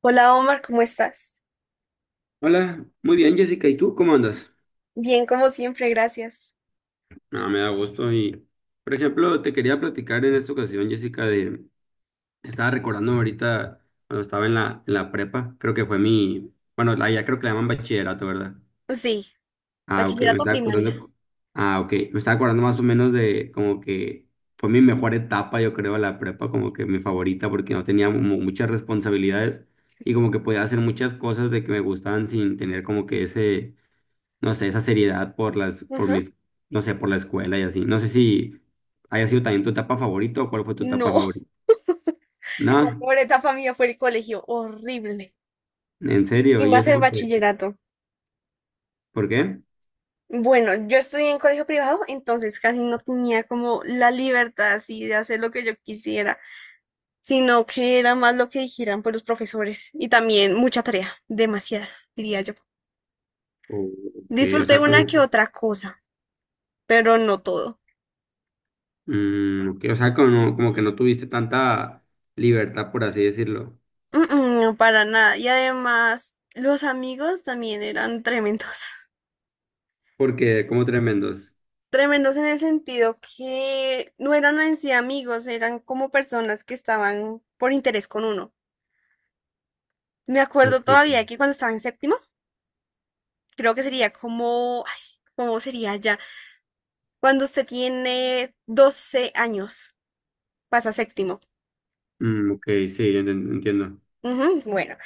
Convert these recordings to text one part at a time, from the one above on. Hola Omar, ¿cómo estás? Hola, muy bien Jessica, ¿y tú cómo andas? Bien, como siempre, gracias. No, me da gusto y, por ejemplo, te quería platicar en esta ocasión, Jessica, de, estaba recordando ahorita cuando estaba en la prepa, creo que fue Ujú. mi, bueno, ya creo que la llaman bachillerato, ¿verdad? Sí, Ah, ok, me bachillerato estaba primaria. acordando, ah, ok, me estaba acordando más o menos de como que fue mi mejor etapa, yo creo, la prepa, como que mi favorita, porque no tenía muchas responsabilidades y como que podía hacer muchas cosas de que me gustaban sin tener como que ese no sé, esa seriedad por las, por Ajá. mis, no sé, por la escuela y así. No sé si haya sido también tu etapa favorita o cuál fue tu etapa No, favorita. la No, pobre etapa mía fue el colegio, horrible. en serio, Y ¿y más eso el por qué? bachillerato. ¿Por qué? Bueno, yo estudié en colegio privado, entonces casi no tenía como la libertad así de hacer lo que yo quisiera, sino que era más lo que dijeran por los profesores. Y también mucha tarea, demasiada, diría yo. O que, o Disfruté sea, como, una que otra cosa, pero no todo. Que, o sea, como, como que no tuviste tanta libertad, por así decirlo. Mm, mm, para nada. Y además, los amigos también eran tremendos. Porque, como tremendos. Tremendos en el sentido que no eran en sí amigos, eran como personas que estaban por interés con uno. Me acuerdo Ok, todavía que cuando estaba en séptimo, creo que sería como, ay, ¿cómo sería ya? Cuando usted tiene 12 años, pasa a séptimo. mm, ok, sí, entiendo. Ujú, bueno,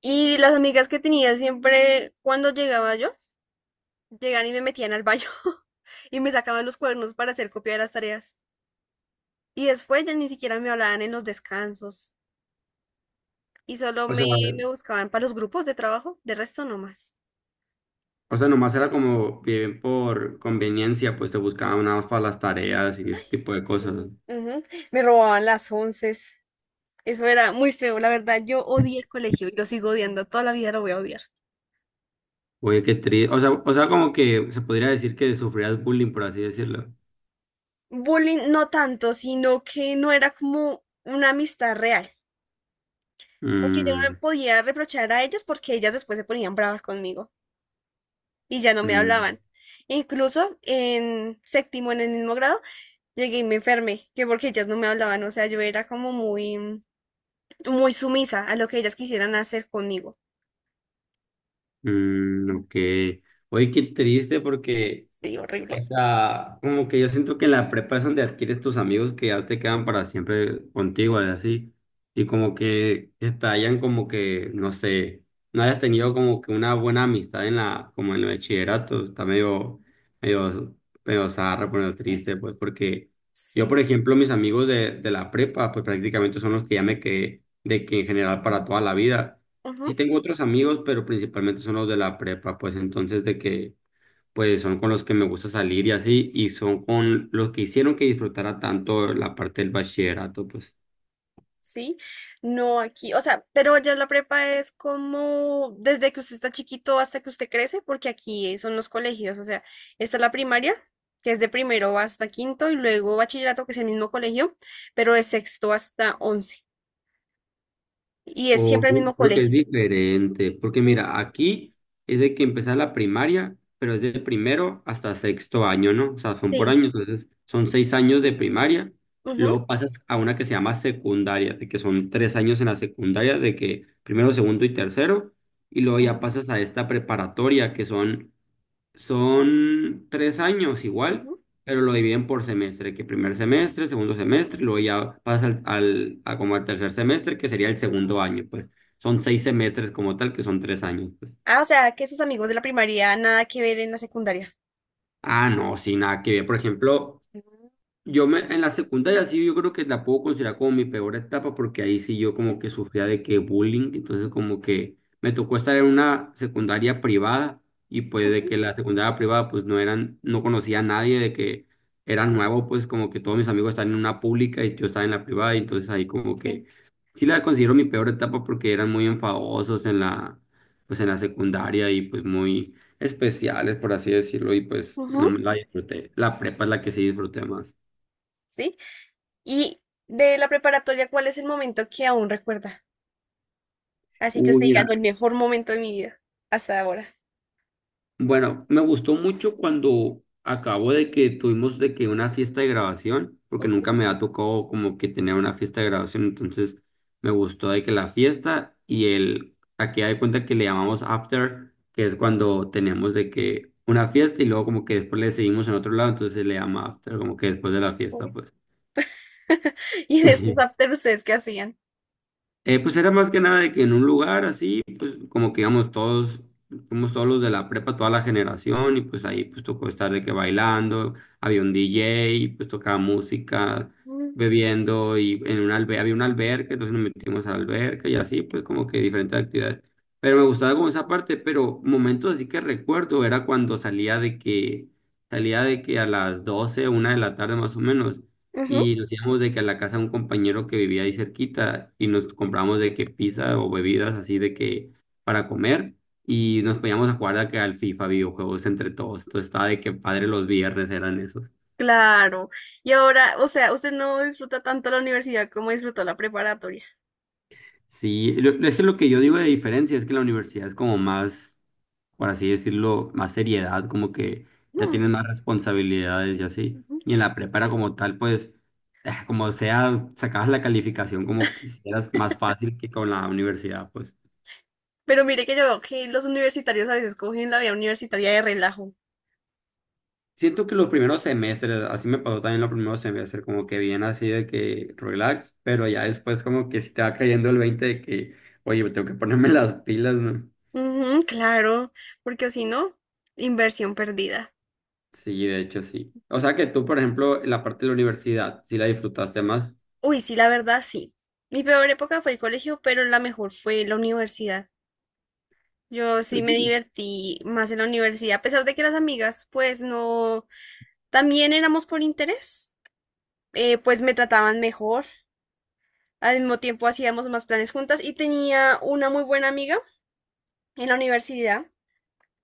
y las amigas que tenía siempre cuando llegaba yo, llegaban y me metían al baño y me sacaban los cuernos para hacer copia de las tareas. Y después ya ni siquiera me hablaban en los descansos y solo O me, sea, me buscaban para los grupos de trabajo, de resto no más. o sea, nomás era como bien por conveniencia, pues te buscaban nada más para las tareas y ese tipo de Sí, cosas. ujú. Me robaban las once. Eso era muy feo, la verdad, yo odié el colegio y lo sigo odiando, toda la vida lo voy a odiar. Oye, qué triste. O sea, como que se podría decir que sufrías bullying, por así decirlo. Bullying no tanto, sino que no era como una amistad real, porque yo Mm, no podía reprochar a ellas porque ellas después se ponían bravas conmigo. Y ya no me mm, hablaban. Incluso en séptimo, en el mismo grado, llegué y me enfermé, que porque ellas no me hablaban, o sea, yo era como muy sumisa a lo que ellas quisieran hacer conmigo. mm, ok. Oye, qué triste porque Sí, o horrible. sea, como que yo siento que en la prepa es donde adquieres tus amigos que ya te quedan para siempre contigo, y así. Y como que estallan como que, no sé, no hayas tenido como que una buena amistad en la, como en el bachillerato. Está medio, medio, medio zarra, medio triste, pues, porque yo, por Sí, ejemplo, mis amigos de la prepa, pues prácticamente son los que ya me quedé, de que en general para toda la vida. Sí ujú. tengo otros amigos, pero principalmente son los de la prepa, pues entonces de que pues son con los que me gusta salir y así, y son con los que hicieron que disfrutara tanto la parte del bachillerato, pues. Sí, no aquí, o sea, pero ya la prepa es como desde que usted está chiquito hasta que usted crece, porque aquí son los colegios. O sea, está la primaria, que es de primero hasta quinto, y luego bachillerato, que es el mismo colegio, pero de sexto hasta 11. Y es O siempre el mismo creo que es colegio. diferente, porque Mm, mira, aquí es de que empezar la primaria, pero es de primero hasta sexto año, ¿no? O sea, son por sí. años, entonces son seis años de primaria, Ujú. luego pasas a una que se llama secundaria, de que son tres años en la secundaria, de que primero, segundo y tercero, y luego ya Ah, pasas a esta preparatoria, que son son tres años igual, ujú. pero lo dividen por semestre, que primer semestre, segundo semestre, y luego ya pasa al, a como al tercer semestre, que sería el segundo año, pues. Son seis semestres como tal, que son tres años, pues. Ah, o sea, que sus amigos de la primaria nada que ver en la secundaria. Ah, no, sin nada que ver. Por ejemplo, Mm. yo me, en la secundaria sí yo creo que la puedo considerar como mi peor etapa porque ahí sí yo como que sufría de que bullying, entonces como que me tocó estar en una secundaria privada y pues de Ujú. que la secundaria privada pues no eran, no conocía a nadie, de que era nuevo pues como que todos mis amigos estaban en una pública y yo estaba en la privada y entonces ahí como que Sí. sí la considero mi peor etapa porque eran muy enfadosos en la, pues en la secundaria y pues muy especiales por así decirlo y pues no Ujú. me la disfruté, la prepa es la que sí disfruté más. ¿Sí? Y de la preparatoria, ¿cuál es el momento que aún recuerda? Así que Uy, usted diga, no, mira, el mejor momento de mi vida hasta ahora. bueno, me gustó mucho cuando acabo de que tuvimos de que una fiesta de grabación, porque Ujú. nunca me ha tocado como que tener una fiesta de grabación, entonces me gustó de que la fiesta y el, aquí hay cuenta que le llamamos after, que es cuando tenemos de que una fiesta y luego como que después le seguimos en otro lado, entonces se le llama after, como que después de la fiesta, Uy. pues. ¿Y de esos after ustedes que hacían? Pues era más que nada de que en un lugar así, pues como que íbamos todos, fuimos todos los de la prepa, toda la generación, y pues ahí pues tocó estar de que bailando, había un DJ, pues tocaba música, Mm. bebiendo, y en un albe había una alberca, entonces nos metimos a la alberca y así, pues como que diferentes actividades. Pero me gustaba como esa parte, pero momentos así que recuerdo era cuando salía de que a las 12 una de la tarde más o menos Ujú. y nos íbamos de que a la casa de un compañero que vivía ahí cerquita y nos compramos de que pizza o bebidas así de que para comer y nos poníamos a jugar de que al FIFA videojuegos entre todos. Entonces estaba de que padre los viernes eran esos. Claro. Y ahora, o sea, usted no disfruta tanto la universidad como disfrutó la preparatoria. Sí, es que lo que yo digo de diferencia es que la universidad es como más, por así decirlo, más seriedad, como que ya Mm. tienes más responsabilidades y así. Ujú. Y en la prepara como tal, pues, como sea, sacabas la calificación como quisieras, más fácil que con la universidad, pues. Pero mire que yo veo que los universitarios a veces cogen la vida universitaria de relajo. Siento que los primeros semestres, así me pasó también los primeros semestres, como que bien así de que relax, pero ya después como que si te va cayendo el 20 de que, oye, tengo que ponerme las pilas, ¿no? Ujú, claro, porque o si no, inversión perdida. Sí, de hecho sí. O sea que tú, por ejemplo, la parte de la universidad, sí la disfrutaste más. Uy, sí, la verdad, sí. Mi peor época fue el colegio, pero la mejor fue la universidad. Yo sí Pues me sí. divertí más en la universidad, a pesar de que las amigas, pues no, también éramos por interés, pues me trataban mejor. Al mismo tiempo hacíamos más planes juntas y tenía una muy buena amiga en la universidad,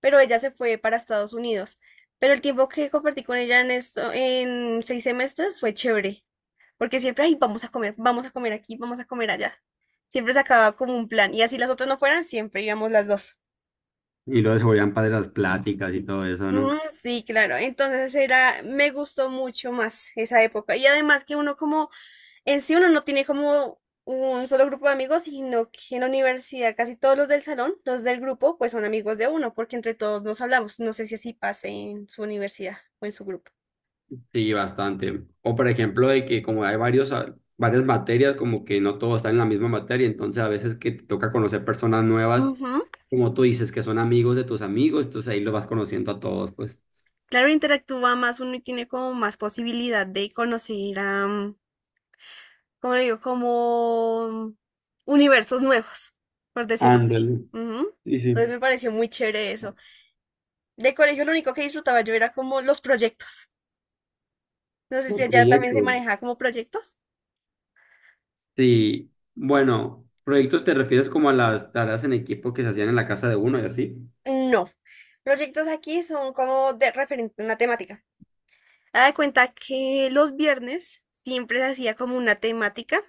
pero ella se fue para Estados Unidos. Pero el tiempo que compartí con ella en esto, en 6 semestres fue chévere, porque siempre, ay, vamos a comer aquí, vamos a comer allá. Siempre se acababa como un plan, y así las otras no fueran, siempre íbamos las dos. Y luego se volvían padres las pláticas y todo eso, ¿no? Ujú, sí, claro. Entonces era, me gustó mucho más esa época. Y además que uno como, en sí, uno no tiene como un solo grupo de amigos, sino que en la universidad casi todos los del salón, los del grupo, pues son amigos de uno, porque entre todos nos hablamos. No sé si así pase en su universidad o en su grupo. Sí, bastante. O por ejemplo, de que como hay varios, varias materias, como que no todo está en la misma materia, entonces a veces que te toca conocer personas nuevas Ujú. como tú dices, que son amigos de tus amigos, entonces ahí lo vas conociendo a todos, pues. Claro, interactúa más uno y tiene como más posibilidad de conocer a, ¿cómo le digo? Como universos nuevos, por decirlo así. Ándale. Ujú. Sí, Entonces sí. me pareció muy chévere eso. De colegio lo único que disfrutaba yo era como los proyectos. No sé si Los allá también se proyectos. manejaba como proyectos. Sí, bueno, proyectos te refieres como a las tareas en equipo que se hacían en la casa de uno y así. No, proyectos aquí son como de referente a una temática. Haga de cuenta que los viernes siempre se hacía como una temática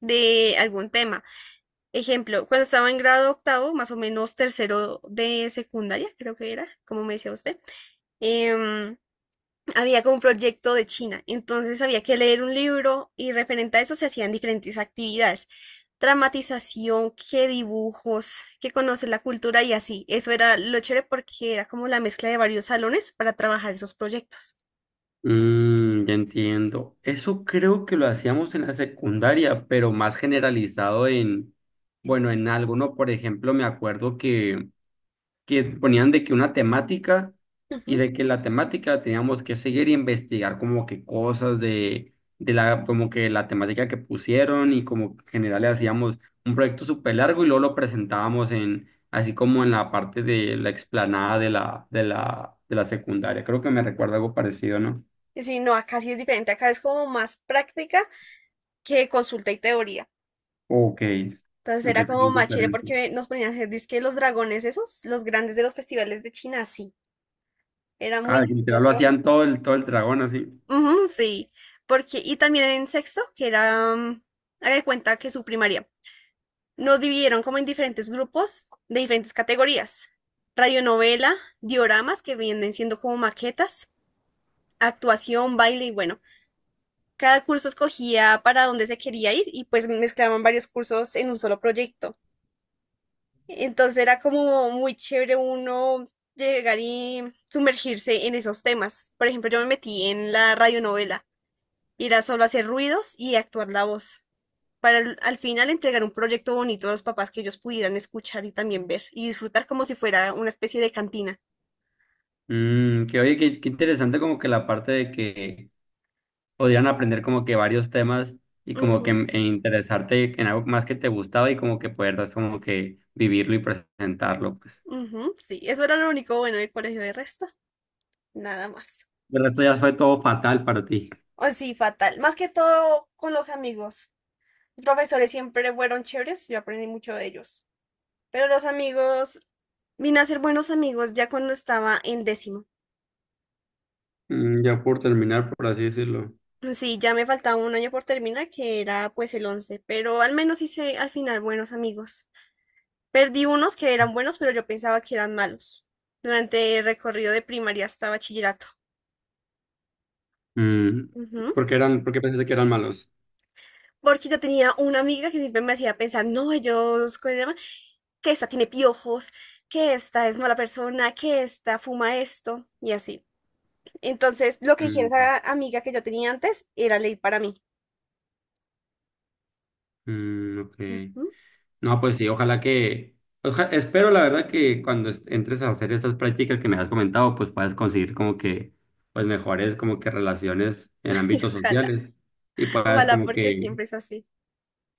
de algún tema. Ejemplo, cuando estaba en grado octavo, más o menos tercero de secundaria, creo que era, como me decía usted, em, había como un proyecto de China, entonces había que leer un libro y referente a eso se hacían diferentes actividades, dramatización, qué dibujos, qué conocer la cultura y así. Eso era lo chévere porque era como la mezcla de varios salones para trabajar esos proyectos. Mm, ya entiendo. Eso creo que lo hacíamos en la secundaria, pero más generalizado en, bueno, en algo, ¿no? Por ejemplo, me acuerdo que ponían de que una temática y Ujú, de que la temática teníamos que seguir y investigar como que cosas de la, como que la temática que pusieron y como que en general le ujú. hacíamos un proyecto súper largo y luego lo presentábamos en, así como en la parte de la explanada de la secundaria. Creo que me recuerda algo parecido, ¿no? Y sí, no, acá sí es diferente, acá es como más práctica que consulta y teoría. Ok, Entonces ok, era es como más chévere diferente. porque nos ponían a hacer dizque los dragones esos, los grandes de los festivales de China, sí. Era muy Ah, que lindo literal lo trabajar, hacían todo el dragón así. ujú, sí, porque, y también en sexto, que era, haga de cuenta que su primaria, nos dividieron como en diferentes grupos de diferentes categorías. Radionovela, dioramas, que vienen siendo como maquetas, actuación, baile, y bueno, cada curso escogía para dónde se quería ir y pues mezclaban varios cursos en un solo proyecto. Entonces era como muy chévere uno llegar y sumergirse en esos temas. Por ejemplo, yo me metí en la radionovela. Irá solo a hacer ruidos y actuar la voz, para al final entregar un proyecto bonito a los papás que ellos pudieran escuchar y también ver y disfrutar como si fuera una especie de cantina. Mm, que oye, que qué interesante como que la parte de que podrían aprender como que varios temas y como Ujú, que e interesarte en algo más que te gustaba y como que puedas como que vivirlo y presentarlo, pues. ujú, sí, eso era lo único bueno del colegio, de resto, nada más. De resto ya fue todo fatal para ti. Oh, sí, fatal. Más que todo con los amigos. Los profesores siempre fueron chéveres, yo aprendí mucho de ellos. Pero los amigos, vine a ser buenos amigos ya cuando estaba en décimo. Mm, ya por terminar, por así decirlo. Sí, ya me faltaba un año por terminar, que era pues el 11, pero al menos hice al final buenos amigos. Perdí unos que eran buenos, pero yo pensaba que eran malos durante el recorrido de primaria hasta bachillerato. Mm, Ujú. ¿por qué eran, por qué pensaste que eran malos? Porque yo tenía una amiga que siempre me hacía pensar, no, ellos, ¿cómo se llama? Que esta tiene piojos, que esta es mala persona, que esta fuma esto y así. Entonces, lo que Mm, dijera esa amiga que yo tenía antes era ley para mí. mm, ok. Ujú. No, pues sí, ojalá que... espero la verdad que cuando entres a hacer estas prácticas que me has comentado, pues puedas conseguir como que, pues mejores como que relaciones en Y ámbitos ojalá, sociales y puedas ojalá como porque que siempre es así.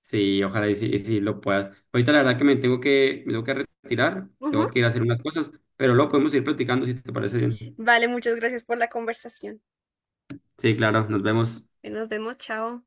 sí, ojalá y sí lo puedas. Ahorita la verdad que me tengo que retirar, tengo que Ujú. ir a hacer unas cosas, pero luego podemos ir platicando si te parece bien. Vale, muchas gracias por la conversación. Sí, claro, nos vemos. Nos vemos, chao.